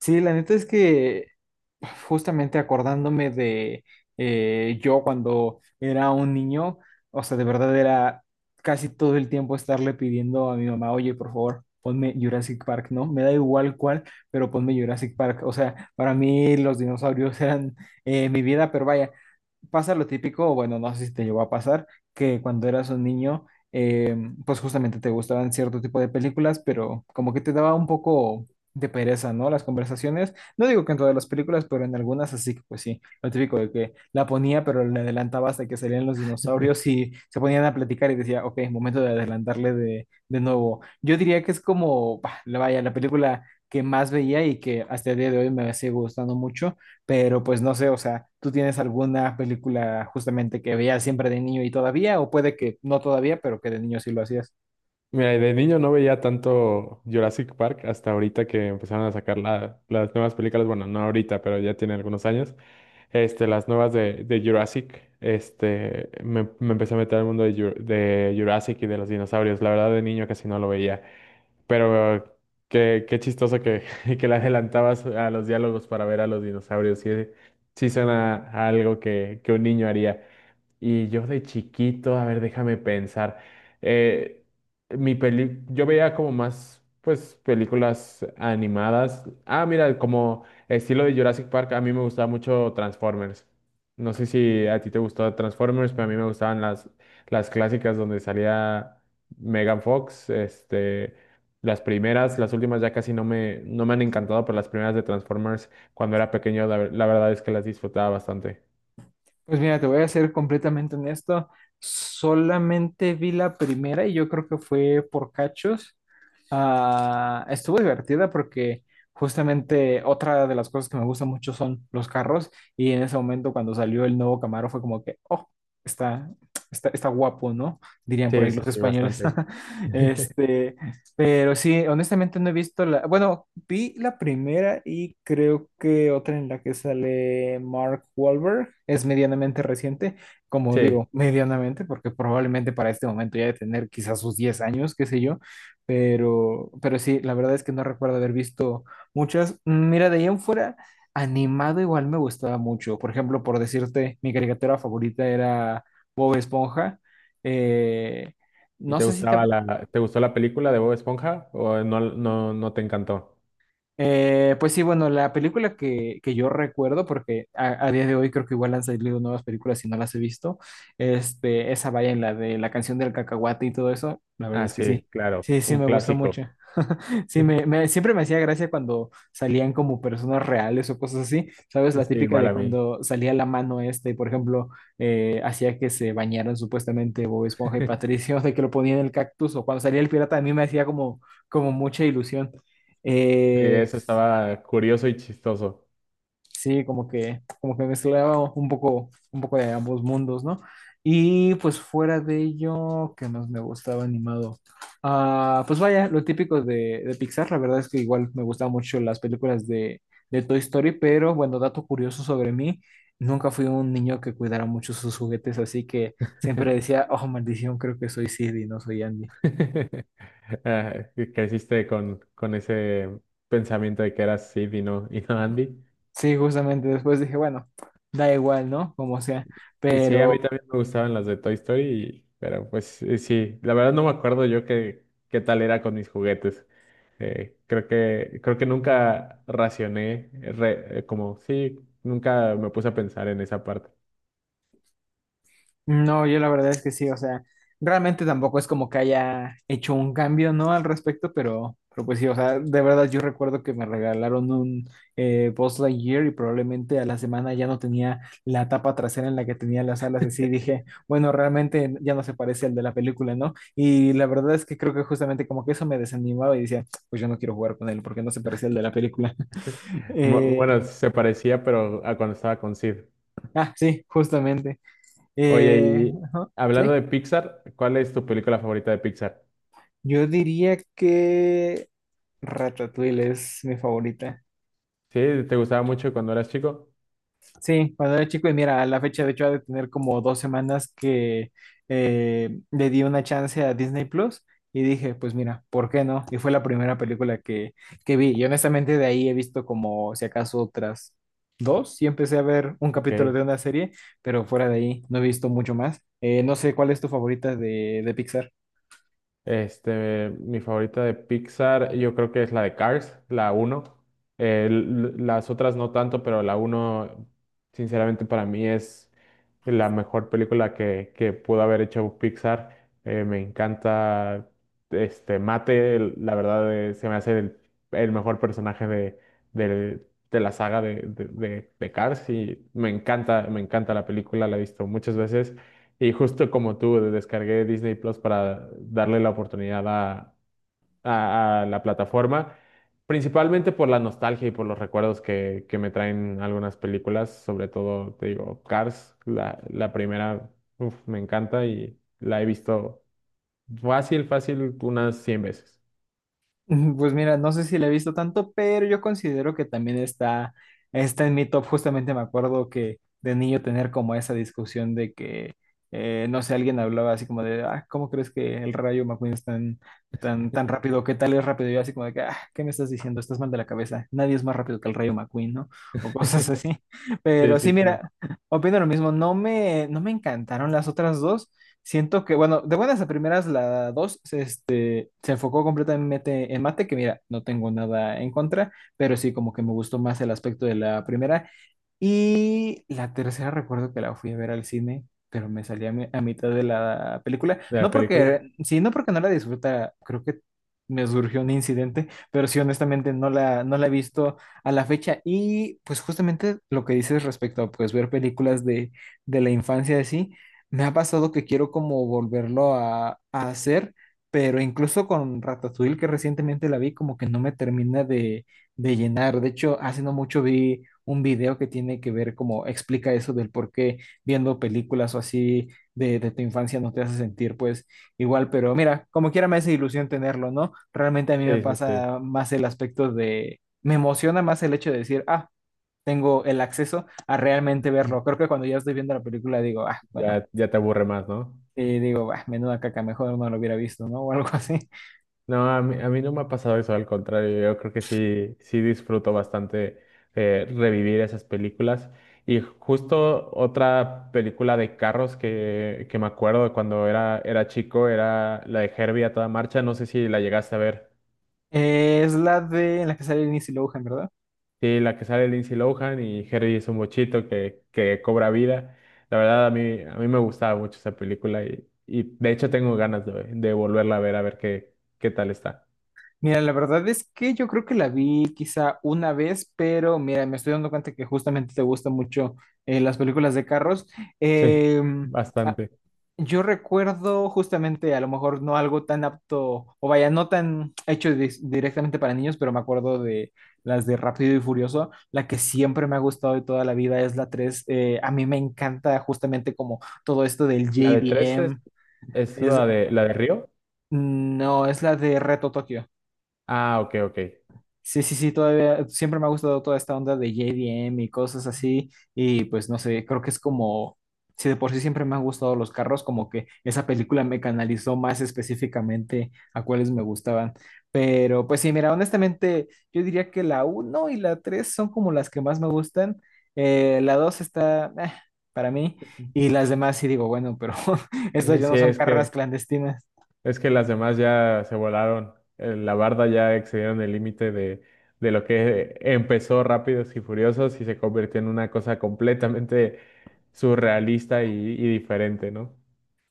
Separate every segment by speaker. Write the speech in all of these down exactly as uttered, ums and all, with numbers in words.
Speaker 1: Sí, la neta es que justamente acordándome de eh, yo cuando era un niño, o sea, de verdad era casi todo el tiempo estarle pidiendo a mi mamá, oye, por favor, ponme Jurassic Park, ¿no? Me da igual cuál, pero ponme Jurassic Park. O sea, para mí los dinosaurios eran eh, mi vida, pero vaya, pasa lo típico, o bueno, no sé si te llegó a pasar, que cuando eras un niño, eh, pues justamente te gustaban cierto tipo de películas, pero como que te daba un poco de pereza, ¿no? Las conversaciones. No digo que en todas las películas, pero en algunas así que pues sí, lo típico de que la ponía, pero le adelantaba hasta que salían los
Speaker 2: Eh,
Speaker 1: dinosaurios y se ponían a platicar y decía, ok, momento de adelantarle de, de nuevo. Yo diría que es como, bah, la- vaya, la película que más veía y que hasta el día de hoy me sigue gustando mucho, pero pues no sé, o sea, ¿tú tienes alguna película justamente que veías siempre de niño y todavía? O puede que no todavía, pero que de niño sí lo hacías.
Speaker 2: Mira, de niño no veía tanto Jurassic Park hasta ahorita que empezaron a sacar la- las nuevas películas. Bueno, no ahorita, pero ya tiene algunos años. Este, las nuevas de, de Jurassic. Este, me, me empecé a meter al mundo de, Jur- de Jurassic y de los dinosaurios. La verdad, de niño casi no lo veía. Pero qué, qué chistoso que, que le adelantabas a los diálogos para ver a los dinosaurios. Sí, sí suena a algo que, que un niño haría. Y yo de chiquito, a ver, déjame pensar. eh, mi peli, yo veía como más, pues, películas animadas. Ah, mira, como estilo de Jurassic Park, a mí me gustaba mucho Transformers. No sé si a ti te gustó Transformers, pero a mí me gustaban las, las clásicas donde salía Megan Fox. Este, las primeras, las últimas ya casi no me, no me han encantado, pero las primeras de Transformers, cuando era pequeño, la la verdad es que las disfrutaba bastante.
Speaker 1: Pues mira, te voy a ser completamente honesto. Solamente vi la primera y yo creo que fue por cachos. Ah, estuvo divertida porque justamente otra de las cosas que me gustan mucho son los carros y en ese momento cuando salió el nuevo Camaro fue como que, oh, está, está, está guapo, ¿no? Dirían por
Speaker 2: Sí,
Speaker 1: ahí
Speaker 2: sí,
Speaker 1: los
Speaker 2: sí,
Speaker 1: españoles.
Speaker 2: bastante.
Speaker 1: Este, pero sí, honestamente no he visto la, bueno, vi la primera y creo que otra en la que sale Mark Wahlberg es medianamente reciente, como
Speaker 2: Sí.
Speaker 1: digo, medianamente, porque probablemente para este momento ya de tener quizás sus diez años, qué sé yo, pero, pero sí, la verdad es que no recuerdo haber visto muchas. Mira, de ahí en fuera, animado igual me gustaba mucho. Por ejemplo, por decirte, mi caricatura favorita era Bob Esponja. Eh,
Speaker 2: ¿Y
Speaker 1: no
Speaker 2: te
Speaker 1: sé si te,
Speaker 2: gustaba la, te gustó la película de Bob Esponja o no, no, no te encantó?
Speaker 1: Eh, pues sí, bueno, la película que, que yo recuerdo, porque a, a día de hoy creo que igual han salido nuevas películas y no las he visto, este, esa vaya en la de la canción del cacahuate y todo eso, la verdad
Speaker 2: Ah,
Speaker 1: es que
Speaker 2: sí,
Speaker 1: sí,
Speaker 2: claro,
Speaker 1: sí, sí
Speaker 2: un
Speaker 1: me gustó mucho.
Speaker 2: clásico.
Speaker 1: Sí, me, me- siempre me hacía gracia cuando salían como personas reales o cosas así, ¿sabes? La
Speaker 2: Sí,
Speaker 1: típica
Speaker 2: igual
Speaker 1: de
Speaker 2: a mí.
Speaker 1: cuando salía la mano este, por ejemplo, eh, hacía que se bañaran supuestamente Bob Esponja y Patricio, de que lo ponían en el cactus, o cuando salía el pirata, a mí me hacía como, como, mucha ilusión.
Speaker 2: Sí,
Speaker 1: Eh,
Speaker 2: eso estaba curioso y chistoso.
Speaker 1: Sí, como que, como que mezclaba un poco, un poco de ambos mundos, ¿no? Y pues fuera de ello, ¿qué más me gustaba animado? Ah, pues vaya, lo típico de, de Pixar, la verdad es que igual me gustaban mucho las películas de, de Toy Story, pero bueno, dato curioso sobre mí, nunca fui un niño que cuidara mucho sus juguetes, así que siempre decía, oh, maldición, creo que soy Sid y no soy Andy.
Speaker 2: Ah, creciste con, con ese pensamiento de que eras Sid y no, y no Andy.
Speaker 1: Sí, justamente después dije, bueno, da igual, ¿no? Como sea.
Speaker 2: Y sí, a
Speaker 1: Pero
Speaker 2: mí también me gustaban las de Toy Story, y- pero pues eh, sí, la verdad no me acuerdo yo qué, qué tal era con mis juguetes. Eh, creo que, creo que nunca racioné, eh, re- eh, como sí, nunca me puse a pensar en esa parte.
Speaker 1: no, yo la verdad es que sí, o sea, realmente tampoco es como que haya hecho un cambio, ¿no? Al respecto, pero, pero pues sí, o sea, de verdad yo recuerdo que me regalaron un eh, Buzz Lightyear y probablemente a la semana ya no tenía la tapa trasera en la que tenía las alas, así dije, bueno, realmente ya no se parece al de la película, ¿no? Y la verdad es que creo que justamente como que eso me desanimaba y decía, pues yo no quiero jugar con él porque no se parece al de la película.
Speaker 2: Bu-
Speaker 1: Eh,
Speaker 2: Bueno, se parecía, pero a cuando estaba con Sid.
Speaker 1: ah, sí, justamente.
Speaker 2: Oye,
Speaker 1: Eh,
Speaker 2: y
Speaker 1: ajá, sí.
Speaker 2: hablando de Pixar, ¿cuál es tu película favorita de Pixar?
Speaker 1: Yo diría que Ratatouille es mi favorita.
Speaker 2: ¿Sí? ¿Te gustaba mucho cuando eras chico?
Speaker 1: Sí, cuando era chico, y mira, a la fecha de hecho ha de tener como dos semanas que eh, le di una chance a Disney Plus y dije, pues mira, ¿por qué no? Y fue la primera película que, que vi. Y honestamente de ahí he visto como si acaso otras dos y empecé a ver un capítulo
Speaker 2: Ok.
Speaker 1: de una serie, pero fuera de ahí no he visto mucho más. Eh, no sé, ¿cuál es tu favorita de, de Pixar?
Speaker 2: Este, mi favorita de Pixar, yo creo que es la de Cars, la uno. Eh, las otras no tanto, pero la uno, sinceramente, para mí es la mejor película que, que pudo haber hecho Pixar. Eh, me encanta este Mate, el- la verdad, eh, se me hace el, el mejor personaje de, del- de la saga de, de, de- de Cars y me encanta, me encanta la película, la he visto muchas veces. Y justo como tú, descargué Disney Plus para darle la oportunidad a, a- a la plataforma, principalmente por la nostalgia y por los recuerdos que, que me traen algunas películas, sobre todo, te digo, Cars, la, la primera, uf, me encanta y la he visto fácil, fácil, unas cien veces.
Speaker 1: Mm, Pues mira, no sé si la he visto tanto, pero yo considero que también está, está en mi top. Justamente me acuerdo que de niño tener como esa discusión de que, eh, no sé, alguien hablaba así como de, ah, ¿cómo crees que el rayo McQueen es tan, tan, tan rápido? ¿Qué tal es rápido? Y yo así como de que, ah, ¿qué me estás diciendo? Estás mal de la cabeza. Nadie es más rápido que el rayo McQueen, ¿no? O cosas así.
Speaker 2: Sí,
Speaker 1: Pero sí,
Speaker 2: sí, sí.
Speaker 1: mira, opino lo mismo. No me, no me encantaron las otras dos. Siento que, bueno, de buenas a primeras, la dos se enfocó completamente en mate, que mira, no tengo nada en contra, pero sí como que me gustó más el aspecto de la primera y la tercera recuerdo que la fui a ver al cine, pero me salí a, mi- a mitad de la película.
Speaker 2: De la
Speaker 1: No
Speaker 2: película.
Speaker 1: porque, sí, no porque no la disfruta, creo que me surgió un incidente, pero sí, honestamente no la, no la he visto a la fecha. Y pues justamente lo que dices respecto a pues ver películas de, de la infancia así, me ha pasado que quiero como volverlo a, a hacer, pero incluso con Ratatouille, que recientemente la vi, como que no me termina de llenar. De hecho, hace no mucho vi un video que tiene que ver como explica eso del por qué viendo películas o así de, de tu infancia no te hace sentir pues igual, pero mira, como quiera me hace ilusión tenerlo, ¿no? Realmente a mí me
Speaker 2: Sí, sí, sí.
Speaker 1: pasa más el aspecto de, me emociona más el hecho de decir, ah, tengo el acceso a realmente verlo. Creo que cuando ya estoy viendo la película digo, ah, bueno.
Speaker 2: Ya, ya te aburre más, ¿no?
Speaker 1: Y digo, bah, menuda caca, mejor no lo hubiera visto, ¿no? O algo así.
Speaker 2: No, a mí, a mí no me ha pasado eso, al contrario, yo creo que sí, sí disfruto bastante eh, revivir esas películas. Y justo otra película de carros que, que me acuerdo cuando era, era chico era la de Herbie a toda marcha, no sé si la llegaste a ver.
Speaker 1: Eh, es la de en la que sale Lindsay Lohan, ¿verdad?
Speaker 2: Sí, la que sale Lindsay Lohan y Herbie es un bochito que, que cobra vida. La verdad, a mí, a mí me gustaba mucho esa película y, y de hecho tengo ganas de, de volverla a ver, a ver qué, qué tal está.
Speaker 1: Mira, la verdad es que yo creo que la vi quizá una vez, pero mira, me estoy dando cuenta que justamente te gustan mucho eh, las películas de carros.
Speaker 2: Sí,
Speaker 1: Em, ah,
Speaker 2: bastante.
Speaker 1: yo recuerdo justamente, a lo mejor no algo tan apto, o vaya, no tan hecho dis- directamente para niños, pero me acuerdo de las de Rápido y Furioso. La que siempre me ha gustado de toda la vida es la tres. Eh, a mí me encanta justamente como todo esto del
Speaker 2: La de tres es,
Speaker 1: J D M.
Speaker 2: es
Speaker 1: Es,
Speaker 2: la de la de Río.
Speaker 1: no, es la de Reto Tokio.
Speaker 2: Ah, ok, ok.
Speaker 1: Sí, sí, sí, todavía siempre me ha gustado toda esta onda de J D M y cosas así. Y pues no sé, creo que es como, si de por sí siempre me han gustado los carros, como que esa película me canalizó más específicamente a cuáles me gustaban. Pero pues sí, mira, honestamente, yo diría que la uno y la tres son como las que más me gustan. Eh, la dos está eh, para mí y las demás sí digo, bueno, pero estas
Speaker 2: Sí,
Speaker 1: ya
Speaker 2: sí,
Speaker 1: no son
Speaker 2: es
Speaker 1: carreras
Speaker 2: que
Speaker 1: clandestinas.
Speaker 2: es que las demás ya se volaron. Eh, La barda ya excedieron el límite de, de lo que empezó Rápidos y Furiosos y se convirtió en una cosa completamente surrealista y, y diferente, ¿no?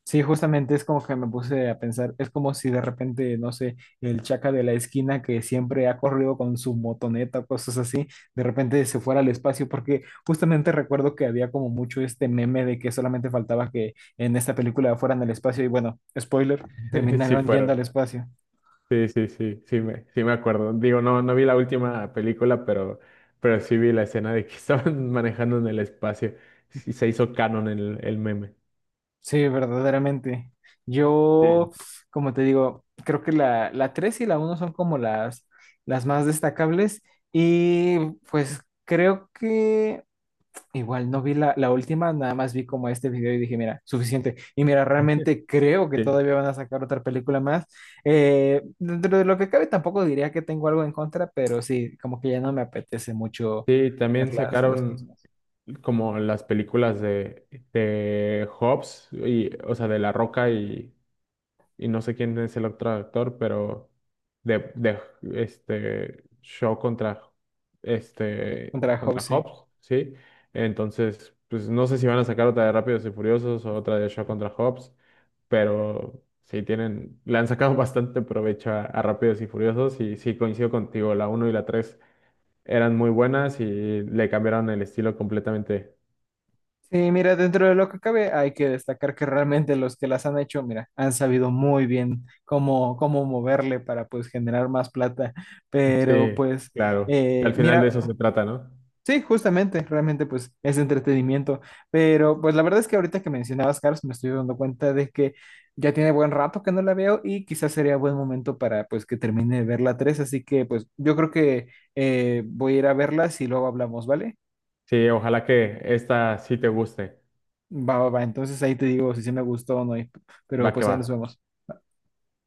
Speaker 1: Sí, justamente es como que me puse a pensar, es como si de repente, no sé, el chaca de la esquina que siempre ha corrido con su motoneta o cosas así, de repente se fuera al espacio, porque justamente recuerdo que había como mucho este meme de que solamente faltaba que en esta película fueran al espacio y bueno, spoiler,
Speaker 2: Sí
Speaker 1: terminaron yendo
Speaker 2: fueron.
Speaker 1: al espacio.
Speaker 2: Sí, sí, sí, sí me, sí me acuerdo. Digo, no, no vi la última película, pero, pero sí vi la escena de que estaban manejando en el espacio. Sí, se hizo canon el, el meme.
Speaker 1: Sí, verdaderamente. Yo, como te digo, creo que la, la tres y la uno son como las, las más destacables y pues creo que... Igual no vi la, la última, nada más vi como este video y dije, mira, suficiente. Y mira,
Speaker 2: Sí.
Speaker 1: realmente creo que
Speaker 2: Sí,
Speaker 1: todavía van a sacar otra película más. Eh, dentro de lo que cabe, tampoco diría que tengo algo en contra, pero sí, como que ya no me apetece mucho
Speaker 2: sí,
Speaker 1: ver
Speaker 2: también
Speaker 1: las, las
Speaker 2: sacaron
Speaker 1: próximas.
Speaker 2: como las películas de, de Hobbs, y, o sea, de La Roca y, y no sé quién es el otro actor, pero de, de este Shaw contra este
Speaker 1: Contra Hope,
Speaker 2: contra
Speaker 1: sí.
Speaker 2: Hobbs, ¿sí? Entonces, pues no sé si van a sacar otra de Rápidos y Furiosos o otra de Shaw contra Hobbs, pero sí tienen, le han sacado bastante provecho a, a Rápidos y Furiosos y sí coincido contigo, la uno y la tres eran muy buenas y le cambiaron el estilo completamente.
Speaker 1: Sí, mira, dentro de lo que cabe, hay que destacar que realmente los que las han hecho, mira, han sabido muy bien cómo, cómo moverle para pues generar más plata. Pero
Speaker 2: Sí,
Speaker 1: pues,
Speaker 2: claro, que
Speaker 1: eh,
Speaker 2: al final de eso
Speaker 1: mira.
Speaker 2: se trata, ¿no?
Speaker 1: Sí, justamente, realmente pues es entretenimiento, pero pues la verdad es que ahorita que mencionabas Cars me estoy dando cuenta de que ya tiene buen rato que no la veo y quizás sería buen momento para pues que termine de ver la tres, así que pues yo creo que eh, voy a ir a verla y luego hablamos, ¿vale?
Speaker 2: Sí, ojalá que esta sí te guste.
Speaker 1: Va, va, va, entonces ahí te digo si sí me gustó o no, y- pero
Speaker 2: Va
Speaker 1: pues
Speaker 2: que
Speaker 1: ahí
Speaker 2: va.
Speaker 1: nos vemos.